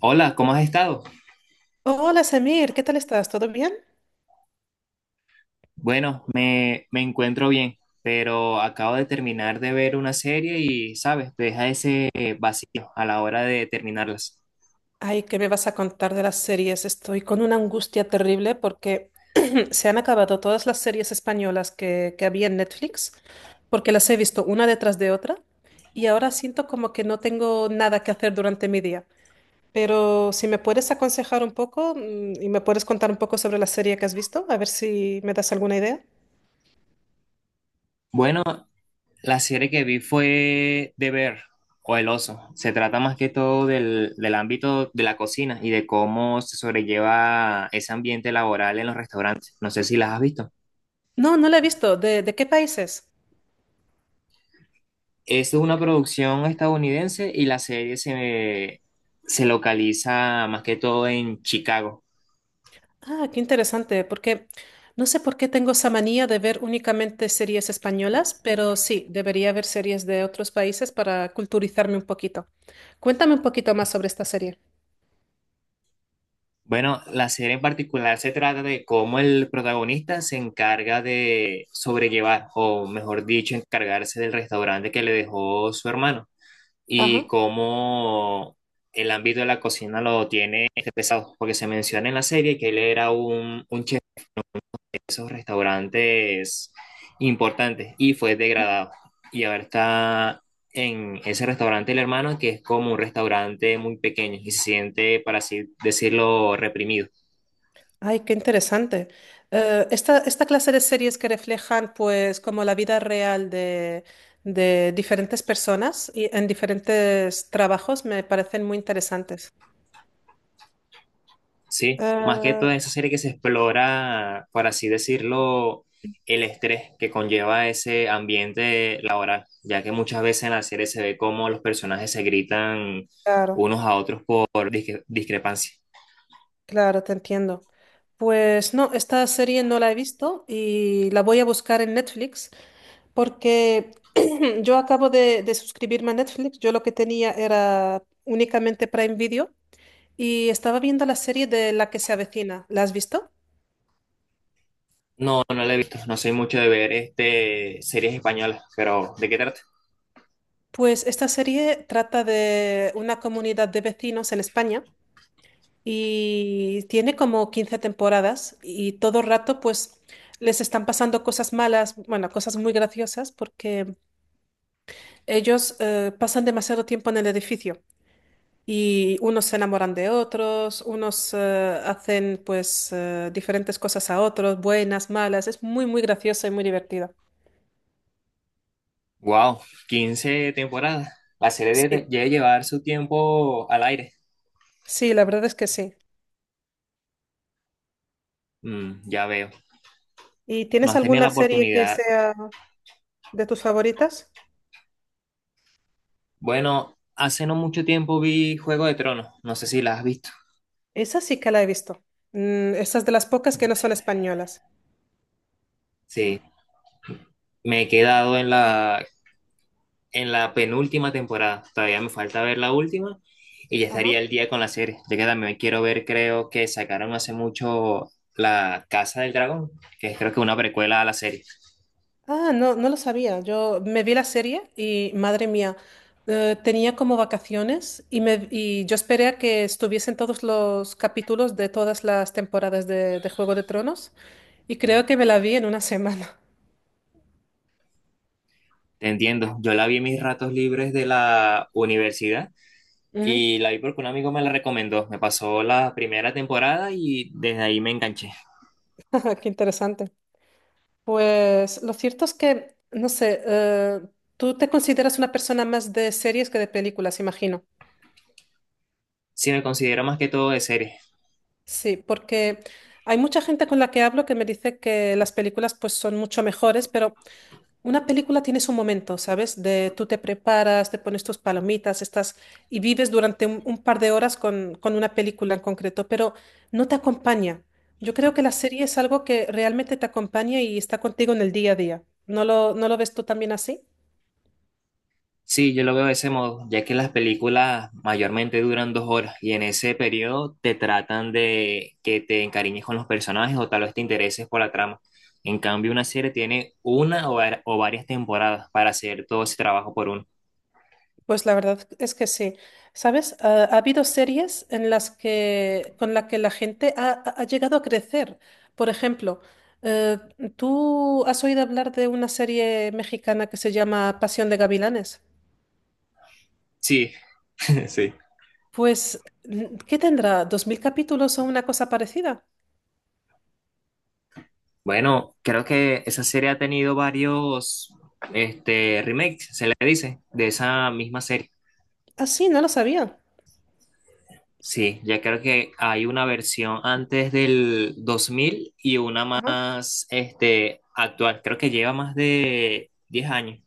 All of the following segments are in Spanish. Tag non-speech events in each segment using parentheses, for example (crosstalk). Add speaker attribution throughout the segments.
Speaker 1: Hola, ¿cómo has estado?
Speaker 2: Hola Samir, ¿qué tal estás? ¿Todo bien?
Speaker 1: Bueno, me encuentro bien, pero acabo de terminar de ver una serie y, ¿sabes? Te deja ese vacío a la hora de terminarlas.
Speaker 2: Ay, ¿qué me vas a contar de las series? Estoy con una angustia terrible porque (clears throat) se han acabado todas las series españolas que había en Netflix, porque las he visto una detrás de otra y ahora siento como que no tengo nada que hacer durante mi día. Pero si me puedes aconsejar un poco y me puedes contar un poco sobre la serie que has visto, a ver si me das alguna idea.
Speaker 1: Bueno, la serie que vi fue The Bear o El Oso. Se trata más que todo del ámbito de la cocina y de cómo se sobrelleva ese ambiente laboral en los restaurantes. No sé si las has visto.
Speaker 2: No, no la he visto. ¿De qué países?
Speaker 1: Es una producción estadounidense y la serie se localiza más que todo en Chicago.
Speaker 2: Ah, qué interesante, porque no sé por qué tengo esa manía de ver únicamente series españolas, pero sí, debería ver series de otros países para culturizarme un poquito. Cuéntame un poquito más sobre esta serie.
Speaker 1: Bueno, la serie en particular se trata de cómo el protagonista se encarga de sobrellevar, o mejor dicho, encargarse del restaurante que le dejó su hermano y
Speaker 2: Ajá.
Speaker 1: cómo el ámbito de la cocina lo tiene este pesado, porque se menciona en la serie que él era un chef de esos restaurantes importantes y fue degradado. Y ahora está en ese restaurante el hermano, que es como un restaurante muy pequeño y se siente, para así decirlo, reprimido.
Speaker 2: Ay, qué interesante. Esta clase de series que reflejan, pues, como la vida real de diferentes personas y en diferentes trabajos me parecen muy interesantes.
Speaker 1: Sí,
Speaker 2: Sí.
Speaker 1: más que toda esa serie que se explora, por así decirlo, el estrés que conlleva ese ambiente laboral, ya que muchas veces en la serie se ve cómo los personajes se gritan
Speaker 2: Claro.
Speaker 1: unos a otros por discrepancia.
Speaker 2: Claro, te entiendo. Pues no, esta serie no la he visto y la voy a buscar en Netflix porque (clears throat) yo acabo de suscribirme a Netflix. Yo lo que tenía era únicamente Prime Video y estaba viendo la serie de La que se avecina. ¿La has visto?
Speaker 1: No, no la he visto, no soy mucho de ver series españolas, pero ¿de qué trata?
Speaker 2: Pues esta serie trata de una comunidad de vecinos en España y tiene como 15 temporadas y todo el rato pues les están pasando cosas malas, bueno, cosas muy graciosas porque ellos pasan demasiado tiempo en el edificio y unos se enamoran de otros, unos hacen pues diferentes cosas a otros, buenas, malas. Es muy, muy graciosa y muy divertida.
Speaker 1: Wow, 15 temporadas. La serie
Speaker 2: Sí,
Speaker 1: debe llevar su tiempo al aire.
Speaker 2: sí, la verdad es que sí.
Speaker 1: Mm, ya veo.
Speaker 2: ¿Y
Speaker 1: No
Speaker 2: tienes
Speaker 1: has tenido la
Speaker 2: alguna serie que
Speaker 1: oportunidad.
Speaker 2: sea de tus favoritas?
Speaker 1: Bueno, hace no mucho tiempo vi Juego de Tronos, no sé si la has visto.
Speaker 2: Esa sí que la he visto. Mm, esa es de las pocas que no son españolas.
Speaker 1: Sí, me he quedado en la penúltima temporada, todavía me falta ver la última y ya
Speaker 2: Ajá.
Speaker 1: estaría el día con la serie. Ya que también quiero ver, creo que sacaron hace mucho La Casa del Dragón, que es creo que una precuela a la serie.
Speaker 2: Ah, no, no lo sabía. Yo me vi la serie y, madre mía, tenía como vacaciones y, me, y yo esperé a que estuviesen todos los capítulos de todas las temporadas de Juego de Tronos y creo que me la vi en una semana.
Speaker 1: Te entiendo, yo la vi en mis ratos libres de la universidad
Speaker 2: Ujú.
Speaker 1: y la vi porque un amigo me la recomendó. Me pasó la primera temporada y desde ahí me enganché.
Speaker 2: (laughs) Qué interesante. Pues lo cierto es que, no sé, tú te consideras una persona más de series que de películas, imagino.
Speaker 1: Sí, me considero más que todo de serie.
Speaker 2: Sí, porque hay mucha gente con la que hablo que me dice que las películas pues son mucho mejores, pero... Una película tiene su momento, ¿sabes? De tú te preparas, te pones tus palomitas, estás y vives durante un par de horas con una película en concreto, pero no te acompaña. Yo creo que la serie es algo que realmente te acompaña y está contigo en el día a día. ¿No lo ves tú también así?
Speaker 1: Sí, yo lo veo de ese modo, ya que las películas mayormente duran 2 horas y en ese periodo te tratan de que te encariñes con los personajes o tal vez te intereses por la trama. En cambio, una serie tiene una o, o varias temporadas para hacer todo ese trabajo por uno.
Speaker 2: Pues la verdad es que sí. ¿Sabes? Ha habido series en las que, con las que la gente ha llegado a crecer. Por ejemplo, eh, ¿tú has oído hablar de una serie mexicana que se llama Pasión de Gavilanes?
Speaker 1: Sí, (laughs) sí.
Speaker 2: Pues, ¿qué tendrá? ¿2000 capítulos o una cosa parecida?
Speaker 1: Bueno, creo que esa serie ha tenido varios remakes, se le dice, de esa misma serie.
Speaker 2: Ah, sí, no lo sabía.
Speaker 1: Sí, ya creo que hay una versión antes del 2000 y una
Speaker 2: Ajá.
Speaker 1: más actual. Creo que lleva más de 10 años.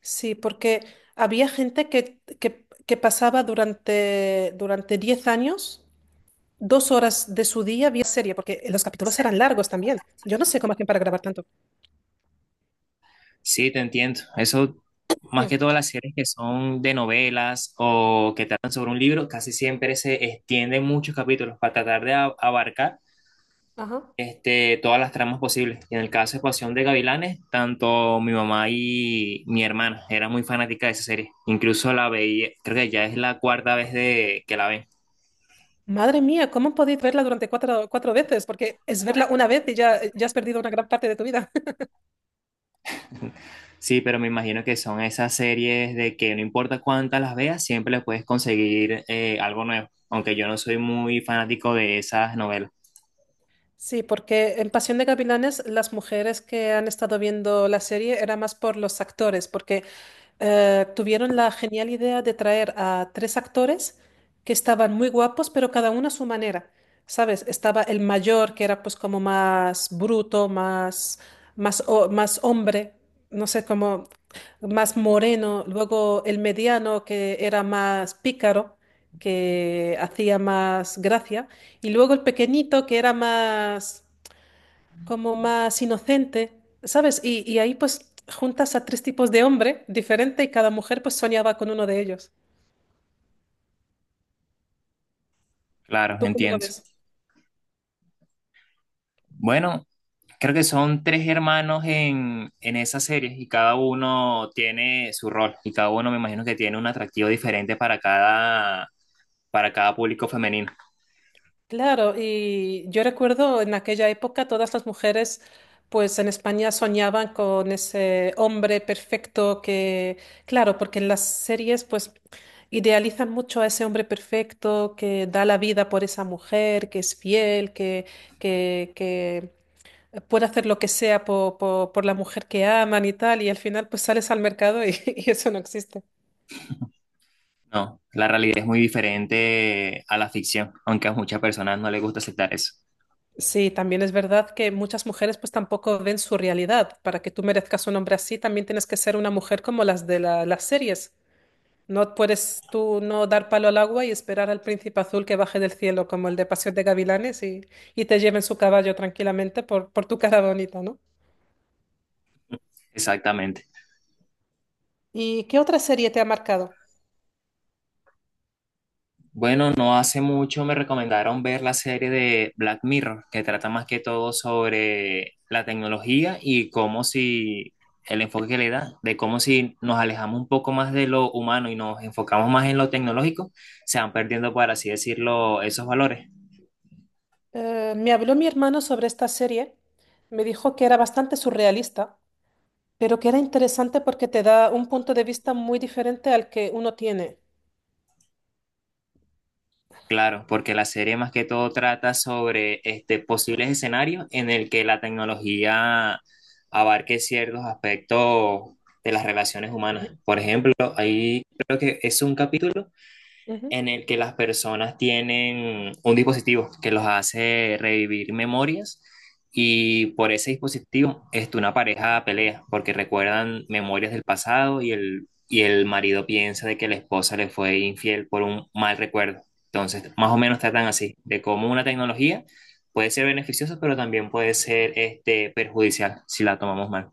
Speaker 2: Sí, porque había gente que pasaba durante, durante 10 años. 2 horas de su día vía serie, porque los capítulos eran largos también. Yo no sé cómo hacían para grabar tanto.
Speaker 1: Sí, te entiendo. Eso, más
Speaker 2: Mm.
Speaker 1: que todas las series que son de novelas o que tratan sobre un libro, casi siempre se extienden muchos capítulos para tratar de abarcar
Speaker 2: Ajá.
Speaker 1: todas las tramas posibles. Y en el caso de Pasión de Gavilanes, tanto mi mamá y mi hermana eran muy fanáticas de esa serie. Incluso la veía, creo que ya es la cuarta vez que la ven.
Speaker 2: Madre mía, ¿cómo podéis verla durante cuatro veces? Porque es verla una vez y ya, ya has perdido una gran parte de tu vida. (laughs)
Speaker 1: Sí, pero me imagino que son esas series de que no importa cuántas las veas, siempre le puedes conseguir algo nuevo, aunque yo no soy muy fanático de esas novelas.
Speaker 2: Sí, porque en Pasión de Gavilanes las mujeres que han estado viendo la serie era más por los actores, porque tuvieron la genial idea de traer a 3 actores que estaban muy guapos, pero cada uno a su manera. ¿Sabes? Estaba el mayor, que era pues como más bruto, más, más hombre, no sé, como más moreno. Luego el mediano, que era más pícaro, que hacía más gracia. Y luego el pequeñito, que era más como más inocente, ¿sabes? Y ahí pues juntas a 3 tipos de hombre diferente y cada mujer pues soñaba con uno de ellos.
Speaker 1: Claro,
Speaker 2: ¿Tú cómo lo
Speaker 1: entiendo.
Speaker 2: ves?
Speaker 1: Bueno, creo que son tres hermanos en esas series y cada uno tiene su rol y cada uno me imagino que tiene un atractivo diferente para cada público femenino.
Speaker 2: Claro, y yo recuerdo en aquella época todas las mujeres pues en España soñaban con ese hombre perfecto que, claro, porque en las series pues idealizan mucho a ese hombre perfecto que da la vida por esa mujer, que es fiel, que, que puede hacer lo que sea por la mujer que aman y tal, y al final pues sales al mercado y, (laughs) y eso no existe.
Speaker 1: No, la realidad es muy diferente a la ficción, aunque a muchas personas no les gusta aceptar eso.
Speaker 2: Sí, también es verdad que muchas mujeres pues tampoco ven su realidad. Para que tú merezcas un hombre así, también tienes que ser una mujer como las las series. No puedes tú no dar palo al agua y esperar al príncipe azul que baje del cielo como el de Pasión de Gavilanes y te lleven su caballo tranquilamente por tu cara bonita, ¿no?
Speaker 1: Exactamente.
Speaker 2: ¿Y qué otra serie te ha marcado?
Speaker 1: Bueno, no hace mucho me recomendaron ver la serie de Black Mirror, que trata más que todo sobre la tecnología y cómo si el enfoque que le da, de cómo si nos alejamos un poco más de lo humano y nos enfocamos más en lo tecnológico, se van perdiendo, por así decirlo, esos valores.
Speaker 2: Me habló mi hermano sobre esta serie, me dijo que era bastante surrealista, pero que era interesante porque te da un punto de vista muy diferente al que uno tiene.
Speaker 1: Claro, porque la serie más que todo trata sobre posibles escenarios en el que la tecnología abarque ciertos aspectos de las relaciones humanas. Por ejemplo, ahí creo que es un capítulo
Speaker 2: Ujú.
Speaker 1: en el que las personas tienen un dispositivo que los hace revivir memorias y por ese dispositivo una pareja pelea porque recuerdan memorias del pasado y el marido piensa de que la esposa le fue infiel por un mal recuerdo. Entonces, más o menos tratan así, de cómo una tecnología puede ser beneficiosa, pero también puede ser perjudicial si la tomamos mal.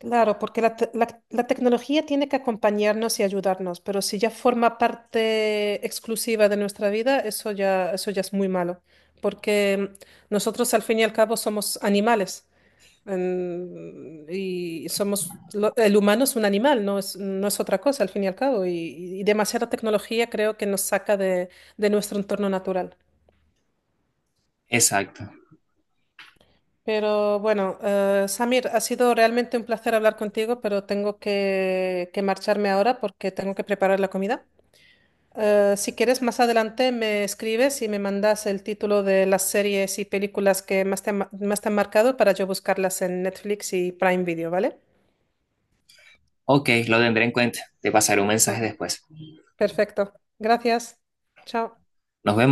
Speaker 2: Claro, porque la tecnología tiene que acompañarnos y ayudarnos, pero si ya forma parte exclusiva de nuestra vida, eso ya es muy malo, porque nosotros al fin y al cabo somos animales. Y somos, el humano es un animal, no es, no es otra cosa al fin y al cabo. Y demasiada tecnología creo que nos saca de nuestro entorno natural.
Speaker 1: Exacto.
Speaker 2: Pero bueno, Samir, ha sido realmente un placer hablar contigo, pero tengo que marcharme ahora porque tengo que preparar la comida. Si quieres, más adelante me escribes y me mandas el título de las series y películas que más más te han marcado para yo buscarlas en Netflix y Prime Video, ¿vale?
Speaker 1: Ok, lo tendré en cuenta. Te pasaré un mensaje después.
Speaker 2: Perfecto. Gracias. Chao.
Speaker 1: Nos vemos.